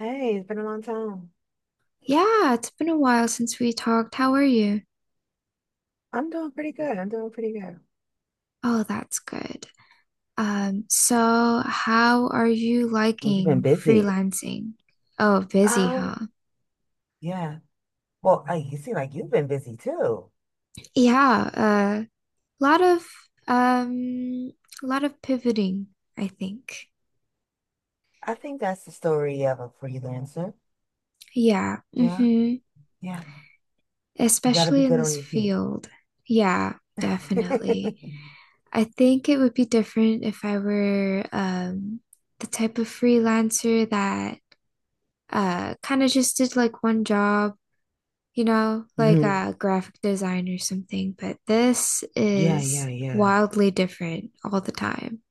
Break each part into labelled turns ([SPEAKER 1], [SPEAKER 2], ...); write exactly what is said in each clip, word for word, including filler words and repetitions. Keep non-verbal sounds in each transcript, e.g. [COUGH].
[SPEAKER 1] Hey, it's been a long time.
[SPEAKER 2] Yeah, it's been a while since we talked. How are you?
[SPEAKER 1] I'm doing pretty good. I'm doing pretty good.
[SPEAKER 2] Oh, that's good. Um, so how are you
[SPEAKER 1] Well, you've been
[SPEAKER 2] liking
[SPEAKER 1] busy.
[SPEAKER 2] freelancing? Oh, busy,
[SPEAKER 1] Um,
[SPEAKER 2] huh?
[SPEAKER 1] Yeah. Well, I, you seem like you've been busy too.
[SPEAKER 2] Yeah, a uh, lot of um, lot of pivoting, I think.
[SPEAKER 1] I think that's the story of a freelancer.
[SPEAKER 2] Yeah,
[SPEAKER 1] Yeah.
[SPEAKER 2] mm-hmm.
[SPEAKER 1] Yeah. You got to be
[SPEAKER 2] Especially in
[SPEAKER 1] good on
[SPEAKER 2] this
[SPEAKER 1] your feet.
[SPEAKER 2] field. Yeah, definitely.
[SPEAKER 1] [LAUGHS]
[SPEAKER 2] I think it would be different if I were um the type of freelancer that uh kind of just did like one job, you know, like
[SPEAKER 1] Mhm.
[SPEAKER 2] a graphic design or something, but this
[SPEAKER 1] Yeah,
[SPEAKER 2] is
[SPEAKER 1] yeah, yeah.
[SPEAKER 2] wildly different all the time.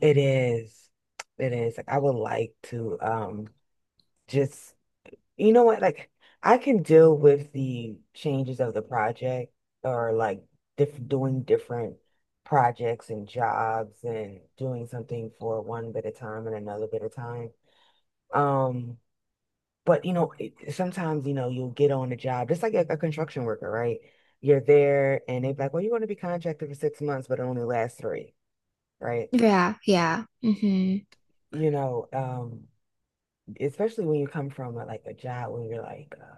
[SPEAKER 1] It is. It is. Like, I would like to um just. You know what? Like, I can deal with the changes of the project or like diff doing different projects and jobs and doing something for one bit of time and another bit of time. Um, but you know, it, sometimes you know you'll get on a job just like a, a construction worker, right? You're there and they're like, "Well, you're going to be contracted for six months, but it only lasts three, right?"
[SPEAKER 2] Yeah, yeah. hmm
[SPEAKER 1] You know, um, especially when you come from a, like a job when you're like. uh,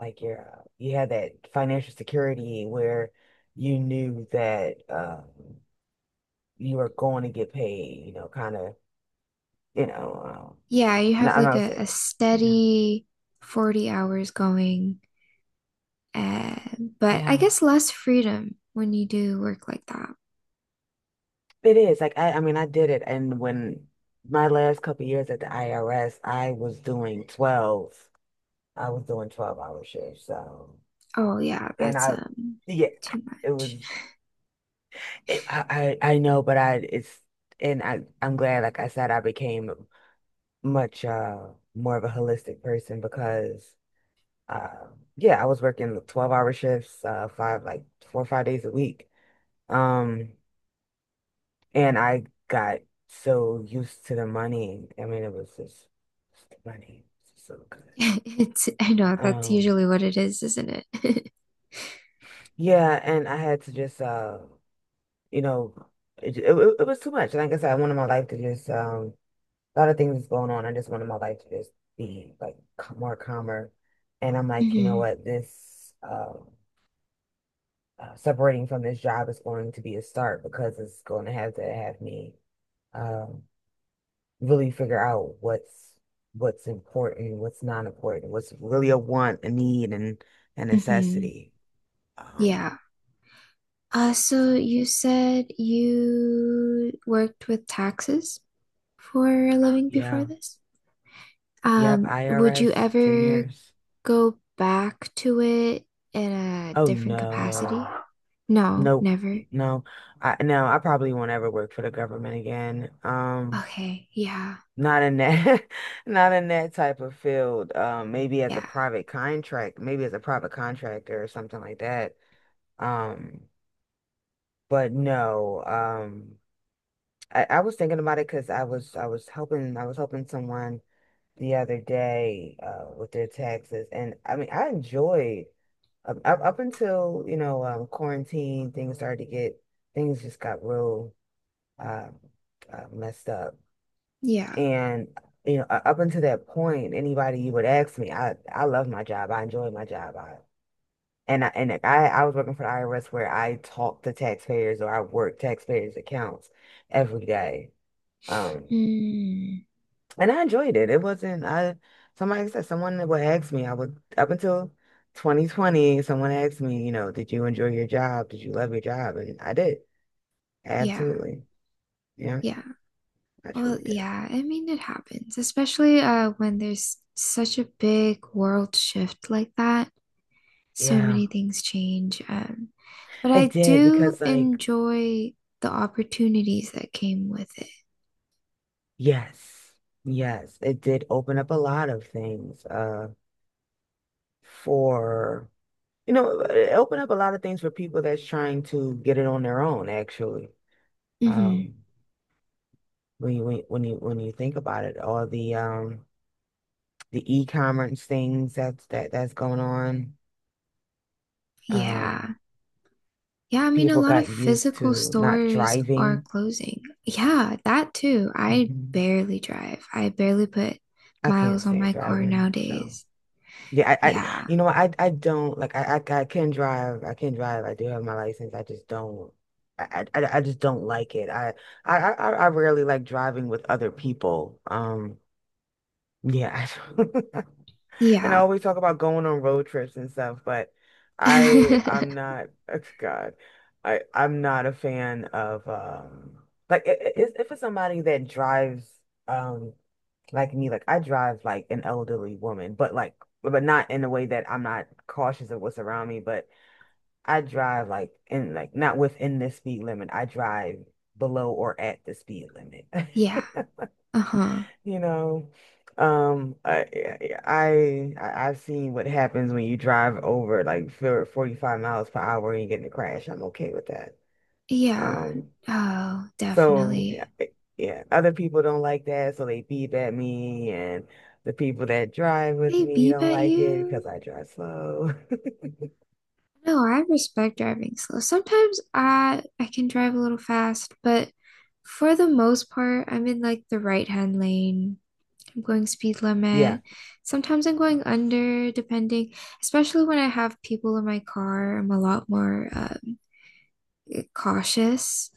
[SPEAKER 1] like your uh, you had that financial security where you knew that um, you were going to get paid, you know, kind of, you know, um,
[SPEAKER 2] Yeah, you
[SPEAKER 1] no,
[SPEAKER 2] have
[SPEAKER 1] I'm
[SPEAKER 2] like
[SPEAKER 1] not
[SPEAKER 2] a, a
[SPEAKER 1] saying, yeah,
[SPEAKER 2] steady forty hours going, uh, but I
[SPEAKER 1] Yeah.
[SPEAKER 2] guess less freedom when you do work like that.
[SPEAKER 1] it is like I, I mean, I did it, and when my last couple years at the I R S, I was doing twelve, I was doing twelve hour shifts, so
[SPEAKER 2] Oh yeah,
[SPEAKER 1] and
[SPEAKER 2] that's
[SPEAKER 1] I,
[SPEAKER 2] um
[SPEAKER 1] yeah,
[SPEAKER 2] too
[SPEAKER 1] it was,
[SPEAKER 2] much. [LAUGHS]
[SPEAKER 1] it, I, I I know, but I it's. And I, I'm glad, like I said, I became much uh more of a holistic person because uh yeah, I was working twelve-hour shifts, uh five like four or five days a week. Um and I got so used to the money. I mean, it was just, just the money. It's so good.
[SPEAKER 2] It's I know that's
[SPEAKER 1] Um
[SPEAKER 2] usually what it is, isn't it?
[SPEAKER 1] yeah, and I had to just uh you know it, it, it was too much. Like I said, I wanted my life to just um a lot of things going on. I just wanted my life to just be like c- more calmer. And I'm
[SPEAKER 2] [LAUGHS]
[SPEAKER 1] like, you know
[SPEAKER 2] hmm
[SPEAKER 1] what, this um uh, separating from this job is going to be a start because it's going to have to have me um, really figure out what's what's important, what's not important, what's really a want, a need, and a
[SPEAKER 2] hmm
[SPEAKER 1] necessity. Um,
[SPEAKER 2] Yeah. Uh,
[SPEAKER 1] so
[SPEAKER 2] so you said you worked with taxes for a living
[SPEAKER 1] yeah,
[SPEAKER 2] before this?
[SPEAKER 1] yep,
[SPEAKER 2] Um, would
[SPEAKER 1] I R S,
[SPEAKER 2] you
[SPEAKER 1] ten
[SPEAKER 2] ever
[SPEAKER 1] years.
[SPEAKER 2] go back to it in a
[SPEAKER 1] Oh
[SPEAKER 2] different capacity?
[SPEAKER 1] no.
[SPEAKER 2] No,
[SPEAKER 1] Nope.
[SPEAKER 2] never.
[SPEAKER 1] No. I no, I probably won't ever work for the government again. Um,
[SPEAKER 2] Okay, yeah,
[SPEAKER 1] Not in that, [LAUGHS] not in that type of field. Um, maybe as a
[SPEAKER 2] yeah,
[SPEAKER 1] private contract, maybe as a private contractor or something like that. Um, but no. Um, I, I was thinking about it because I was I was helping I was helping someone the other day uh, with their taxes, and I mean I enjoyed up, up up until you know um, quarantine things started to get things just got real um, uh, messed up.
[SPEAKER 2] yeah.
[SPEAKER 1] And you know, u- up until that point, anybody you would ask me, I I love my job. I enjoy my job. I and I and like, I I was working for the I R S where I talk to taxpayers or I work taxpayers' accounts every day. Um,
[SPEAKER 2] Mm,
[SPEAKER 1] and I enjoyed it. It wasn't I somebody said someone that would ask me, I would up until twenty twenty, someone asked me, you know, did you enjoy your job? Did you love your job? And I did.
[SPEAKER 2] yeah,
[SPEAKER 1] Absolutely. Yeah,
[SPEAKER 2] yeah.
[SPEAKER 1] I
[SPEAKER 2] Well,
[SPEAKER 1] truly did.
[SPEAKER 2] yeah, I mean it happens, especially uh when there's such a big world shift like that. So
[SPEAKER 1] Yeah,
[SPEAKER 2] many things change. Um, but
[SPEAKER 1] it
[SPEAKER 2] I
[SPEAKER 1] did
[SPEAKER 2] do
[SPEAKER 1] because like.
[SPEAKER 2] enjoy the opportunities that came with it.
[SPEAKER 1] Yes, yes, it did open up a lot of things uh for you know it opened up a lot of things for people that's trying to get it on their own actually.
[SPEAKER 2] Hmm
[SPEAKER 1] Um when you when you when you when you think about it, all the um the e-commerce things that's that that's going on. Um
[SPEAKER 2] Yeah. Yeah, I mean, a
[SPEAKER 1] people
[SPEAKER 2] lot
[SPEAKER 1] got
[SPEAKER 2] of
[SPEAKER 1] used
[SPEAKER 2] physical
[SPEAKER 1] to not
[SPEAKER 2] stores are
[SPEAKER 1] driving.
[SPEAKER 2] closing. Yeah, that too. I
[SPEAKER 1] Mhm.
[SPEAKER 2] barely drive. I barely put
[SPEAKER 1] I can't
[SPEAKER 2] miles on
[SPEAKER 1] stand
[SPEAKER 2] my car
[SPEAKER 1] driving, so.
[SPEAKER 2] nowadays.
[SPEAKER 1] Yeah, I, I
[SPEAKER 2] Yeah.
[SPEAKER 1] you know, I I don't like I, I I can drive. I can drive. I do have my license. I just don't. I I, I I just don't like it. I I I I rarely like driving with other people. Um yeah, [LAUGHS] I don't- [LAUGHS] and I
[SPEAKER 2] Yeah.
[SPEAKER 1] always talk about going on road trips and stuff, but I I'm
[SPEAKER 2] [LAUGHS]
[SPEAKER 1] not [LAUGHS] oh, God. I I'm not a fan of um like i- i- if if it's somebody that drives um like me, like I drive like an elderly woman, but like. But not in a way that I'm not cautious of what's around me, but I drive like in like not within the speed limit. I drive below or at the speed limit.
[SPEAKER 2] Yeah.
[SPEAKER 1] [LAUGHS]
[SPEAKER 2] Uh-huh.
[SPEAKER 1] You know, um, I, I I- I've seen what happens when you drive over like for forty-five miles per hour and you get in a crash. I'm okay with that.
[SPEAKER 2] Yeah.
[SPEAKER 1] Um,
[SPEAKER 2] Oh,
[SPEAKER 1] so
[SPEAKER 2] definitely.
[SPEAKER 1] yeah, it- yeah. Other people don't like that, so they beep at me, and the people that drive with
[SPEAKER 2] They
[SPEAKER 1] me
[SPEAKER 2] beep
[SPEAKER 1] don't
[SPEAKER 2] at
[SPEAKER 1] like it because
[SPEAKER 2] you.
[SPEAKER 1] I drive slow. [LAUGHS]
[SPEAKER 2] No, I respect driving slow. Sometimes I I can drive a little fast, but for the most part, I'm in like the right-hand lane. I'm going speed
[SPEAKER 1] Yeah,
[SPEAKER 2] limit. Sometimes I'm going under, depending, especially when I have people in my car, I'm a lot more uh, cautious.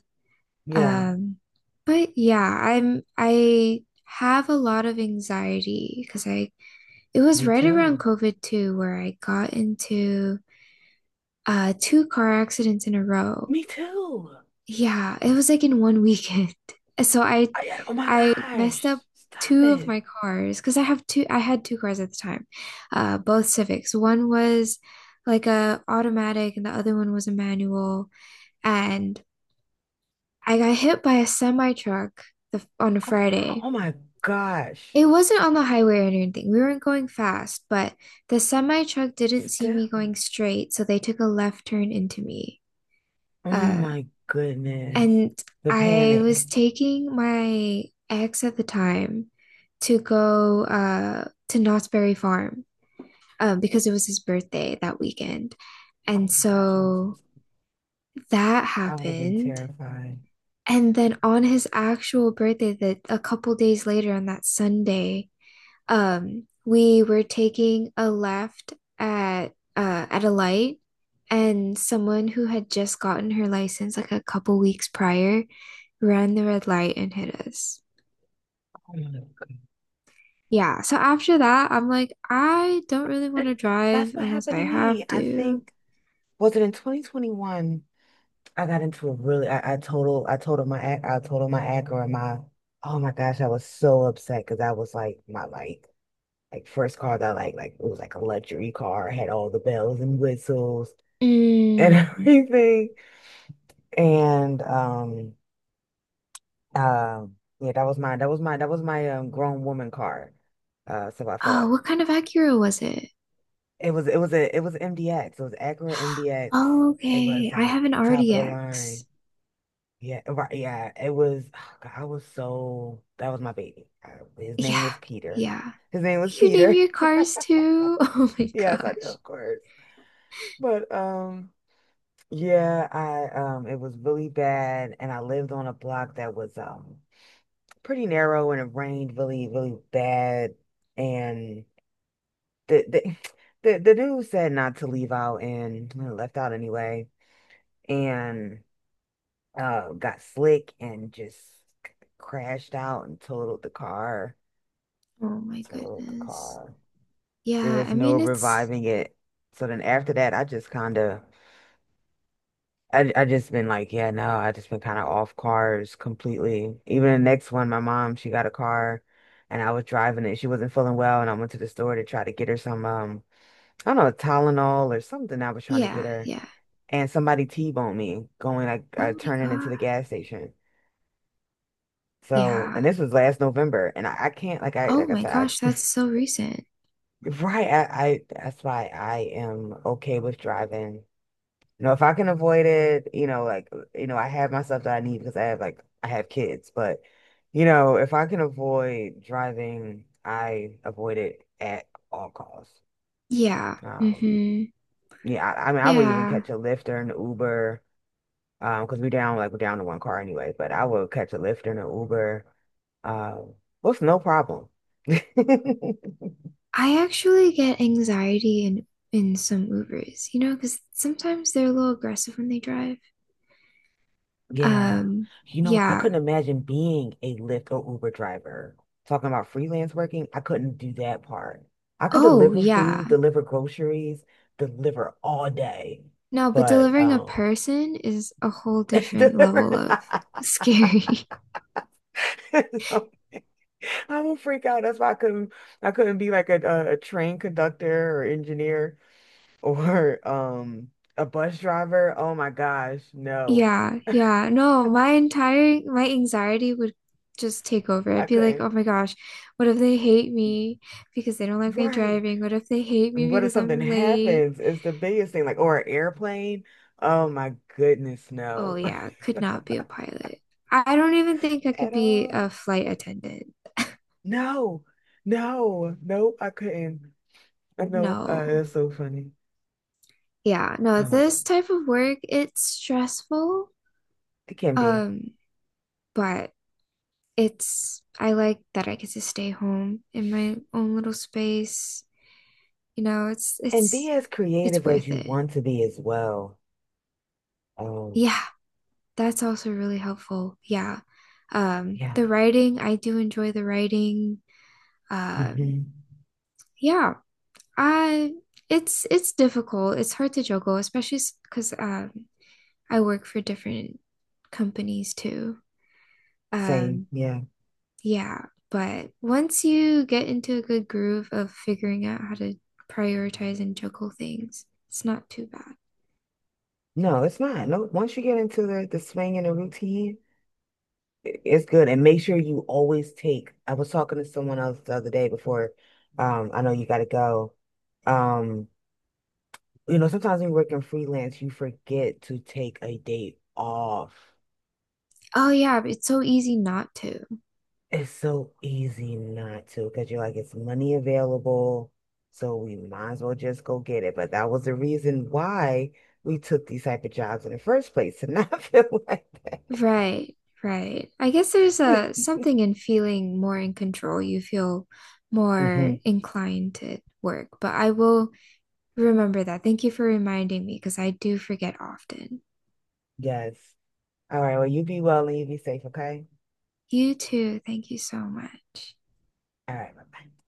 [SPEAKER 1] yeah.
[SPEAKER 2] Um, but yeah, I'm I have a lot of anxiety because I it was
[SPEAKER 1] Me
[SPEAKER 2] right around
[SPEAKER 1] too.
[SPEAKER 2] COVID too, where I got into uh two car accidents in a row.
[SPEAKER 1] Me too.
[SPEAKER 2] Yeah, it was like in one weekend. [LAUGHS] So I
[SPEAKER 1] I, I- oh my
[SPEAKER 2] I messed
[SPEAKER 1] gosh!
[SPEAKER 2] up
[SPEAKER 1] Stop
[SPEAKER 2] two of
[SPEAKER 1] it!
[SPEAKER 2] my cars because I have two I had two cars at the time. Uh, both Civics. One was like a automatic and the other one was a manual and I got hit by a semi truck the, on a
[SPEAKER 1] Oh,
[SPEAKER 2] Friday.
[SPEAKER 1] oh my gosh!
[SPEAKER 2] It wasn't on the highway or anything. We weren't going fast, but the semi truck didn't see me going
[SPEAKER 1] Still.
[SPEAKER 2] straight, so they took a left turn into me.
[SPEAKER 1] Oh
[SPEAKER 2] Uh,
[SPEAKER 1] my goodness!
[SPEAKER 2] and
[SPEAKER 1] The
[SPEAKER 2] I
[SPEAKER 1] panic.
[SPEAKER 2] was taking my ex at the time to go uh, to Knott's Berry Farm uh, because it was his birthday that weekend.
[SPEAKER 1] Oh
[SPEAKER 2] And
[SPEAKER 1] my gosh! I'm,
[SPEAKER 2] so
[SPEAKER 1] so-
[SPEAKER 2] that
[SPEAKER 1] I would have been
[SPEAKER 2] happened.
[SPEAKER 1] terrified.
[SPEAKER 2] And then on his actual birthday, that a couple days later on that Sunday, um, we were taking a left at uh, at a light, and someone who had just gotten her license like a couple weeks prior ran the red light and hit us.
[SPEAKER 1] [LAUGHS] Oh my
[SPEAKER 2] Yeah, so after that, I'm like, I don't really
[SPEAKER 1] God.
[SPEAKER 2] want to
[SPEAKER 1] That's
[SPEAKER 2] drive
[SPEAKER 1] what
[SPEAKER 2] unless
[SPEAKER 1] happened
[SPEAKER 2] I
[SPEAKER 1] to me.
[SPEAKER 2] have
[SPEAKER 1] I
[SPEAKER 2] to.
[SPEAKER 1] think was it in twenty twenty-one? I got into a really I, I total I totaled my ac- I totaled my Acura and my oh my gosh, I was so upset because that was like my like like first car that like like it was like a luxury car, had all the bells and whistles and [LAUGHS]
[SPEAKER 2] Mm.
[SPEAKER 1] everything. And um uh, yeah, that was my that was my that was my um grown woman card. Uh so I thought
[SPEAKER 2] Oh, what kind of Acura was it?
[SPEAKER 1] it was it was a it was M D X. It was Acura M D X.
[SPEAKER 2] Oh,
[SPEAKER 1] It was
[SPEAKER 2] okay, I
[SPEAKER 1] like
[SPEAKER 2] have an
[SPEAKER 1] top of the
[SPEAKER 2] R D X.
[SPEAKER 1] line. Yeah, right. Yeah, it was [SIGHS] God, I was so that was my baby. Uh, His name
[SPEAKER 2] Yeah,
[SPEAKER 1] was Peter.
[SPEAKER 2] yeah.
[SPEAKER 1] His name was
[SPEAKER 2] You name
[SPEAKER 1] Peter.
[SPEAKER 2] your
[SPEAKER 1] [LAUGHS]
[SPEAKER 2] cars too? [LAUGHS] Oh my
[SPEAKER 1] Yes, I do,
[SPEAKER 2] gosh.
[SPEAKER 1] of course. But um yeah, I um it was really bad and I lived on a block that was um pretty narrow and it rained really, really bad. And the the [SIGHS] the, the dude said not to leave out and I left out anyway. And uh got slick and just crashed out and totaled the car.
[SPEAKER 2] Oh my
[SPEAKER 1] Totaled the
[SPEAKER 2] goodness.
[SPEAKER 1] car. There
[SPEAKER 2] Yeah,
[SPEAKER 1] was
[SPEAKER 2] I
[SPEAKER 1] no
[SPEAKER 2] mean it's
[SPEAKER 1] reviving it. So then after that I just kinda I I just been like, yeah, no, I just been kind of off cars completely. Even the next one, my mom, she got a car and I was driving it. She wasn't feeling well and I went to the store to try to get her some um I don't know, Tylenol or something I was trying to get
[SPEAKER 2] yeah,
[SPEAKER 1] her.
[SPEAKER 2] yeah.
[SPEAKER 1] And somebody T-boned me going like uh,
[SPEAKER 2] Oh my
[SPEAKER 1] turning into
[SPEAKER 2] God.
[SPEAKER 1] the gas station. So,
[SPEAKER 2] Yeah.
[SPEAKER 1] and this was last November and I, I can't like I
[SPEAKER 2] Oh
[SPEAKER 1] like I
[SPEAKER 2] my
[SPEAKER 1] said
[SPEAKER 2] gosh,
[SPEAKER 1] I,
[SPEAKER 2] that's so recent.
[SPEAKER 1] [LAUGHS] right I, I that's why I am okay with driving. You know, if I can avoid it, you know, like, you know, I have my stuff that I need because I have like I have kids, but you know, if I can avoid driving, I avoid it at all costs.
[SPEAKER 2] Yeah.
[SPEAKER 1] Um,
[SPEAKER 2] Mm-hmm.
[SPEAKER 1] yeah, I, I mean, I would even
[SPEAKER 2] Yeah.
[SPEAKER 1] catch a Lyft or an Uber, um, because we down like we're down to one car anyway, but I would catch a Lyft and an Uber, um, with no problem. [LAUGHS]
[SPEAKER 2] I actually get anxiety in in some Ubers, you know, because sometimes they're a little aggressive when they drive.
[SPEAKER 1] Yeah.
[SPEAKER 2] Um,
[SPEAKER 1] You know, I
[SPEAKER 2] yeah.
[SPEAKER 1] couldn't imagine being a Lyft or Uber driver. Talking about freelance working, I couldn't do that part. I could
[SPEAKER 2] Oh,
[SPEAKER 1] deliver
[SPEAKER 2] yeah.
[SPEAKER 1] food, deliver groceries, deliver all day,
[SPEAKER 2] No, but
[SPEAKER 1] but
[SPEAKER 2] delivering a
[SPEAKER 1] um
[SPEAKER 2] person is a whole
[SPEAKER 1] [LAUGHS]
[SPEAKER 2] different
[SPEAKER 1] deliver
[SPEAKER 2] level of [LAUGHS]
[SPEAKER 1] [LAUGHS]
[SPEAKER 2] scary.
[SPEAKER 1] So, I will freak out. That's why I couldn't. I couldn't be like a, a, a train conductor or engineer [LAUGHS] or um a bus driver. Oh my gosh, no.
[SPEAKER 2] Yeah, yeah. No, my entire my anxiety would just take over.
[SPEAKER 1] I
[SPEAKER 2] I'd be like,
[SPEAKER 1] couldn't.
[SPEAKER 2] "Oh my gosh, what if they hate me because they don't like my
[SPEAKER 1] Right.
[SPEAKER 2] driving? What if they hate me
[SPEAKER 1] What if
[SPEAKER 2] because
[SPEAKER 1] something
[SPEAKER 2] I'm late?"
[SPEAKER 1] happens? It's the biggest thing, like, or an airplane. Oh my goodness,
[SPEAKER 2] Oh
[SPEAKER 1] no.
[SPEAKER 2] yeah, could not be a pilot. I don't even think I
[SPEAKER 1] [LAUGHS]
[SPEAKER 2] could
[SPEAKER 1] At
[SPEAKER 2] be
[SPEAKER 1] all.
[SPEAKER 2] a flight attendant. [LAUGHS]
[SPEAKER 1] No, no, no, I couldn't. I know, uh,
[SPEAKER 2] No.
[SPEAKER 1] that's so funny.
[SPEAKER 2] Yeah, no,
[SPEAKER 1] Oh my
[SPEAKER 2] this
[SPEAKER 1] God.
[SPEAKER 2] type of work, it's stressful.
[SPEAKER 1] It can be.
[SPEAKER 2] Um, but it's I like that I get to stay home in my own little space. You know, it's
[SPEAKER 1] And be
[SPEAKER 2] it's
[SPEAKER 1] as
[SPEAKER 2] it's
[SPEAKER 1] creative as
[SPEAKER 2] worth
[SPEAKER 1] you
[SPEAKER 2] it.
[SPEAKER 1] want to be as well. Oh,
[SPEAKER 2] Yeah, that's also really helpful. Yeah. Um,
[SPEAKER 1] yeah.
[SPEAKER 2] the writing, I do enjoy the writing. Um,
[SPEAKER 1] Hmm.
[SPEAKER 2] yeah, I it's it's difficult. It's hard to juggle, especially because um I work for different companies too.
[SPEAKER 1] Same,
[SPEAKER 2] Um,
[SPEAKER 1] yeah.
[SPEAKER 2] yeah, but once you get into a good groove of figuring out how to prioritize and juggle things, it's not too bad.
[SPEAKER 1] No, it's not. No, once you get into the, the swing and the routine, it's good. And make sure you always take. I was talking to someone else the other day before. Um, I know you gotta go. Um, you know, sometimes when you're working freelance, you forget to take a day off.
[SPEAKER 2] Oh yeah, it's so easy not to.
[SPEAKER 1] It's so easy not to because you're like, it's money available, so we might as well just go get it. But that was the reason why we took these type of jobs in the first place to not [LAUGHS] feel like
[SPEAKER 2] Right, right. I guess there's
[SPEAKER 1] that.
[SPEAKER 2] a something in feeling more in control. You feel
[SPEAKER 1] [LAUGHS] Hmm.
[SPEAKER 2] more inclined to work, but I will remember that. Thank you for reminding me because I do forget often.
[SPEAKER 1] Yes. All right. Well, you be well and you be safe, okay?
[SPEAKER 2] You too. Thank you so much.
[SPEAKER 1] All right. Bye-bye.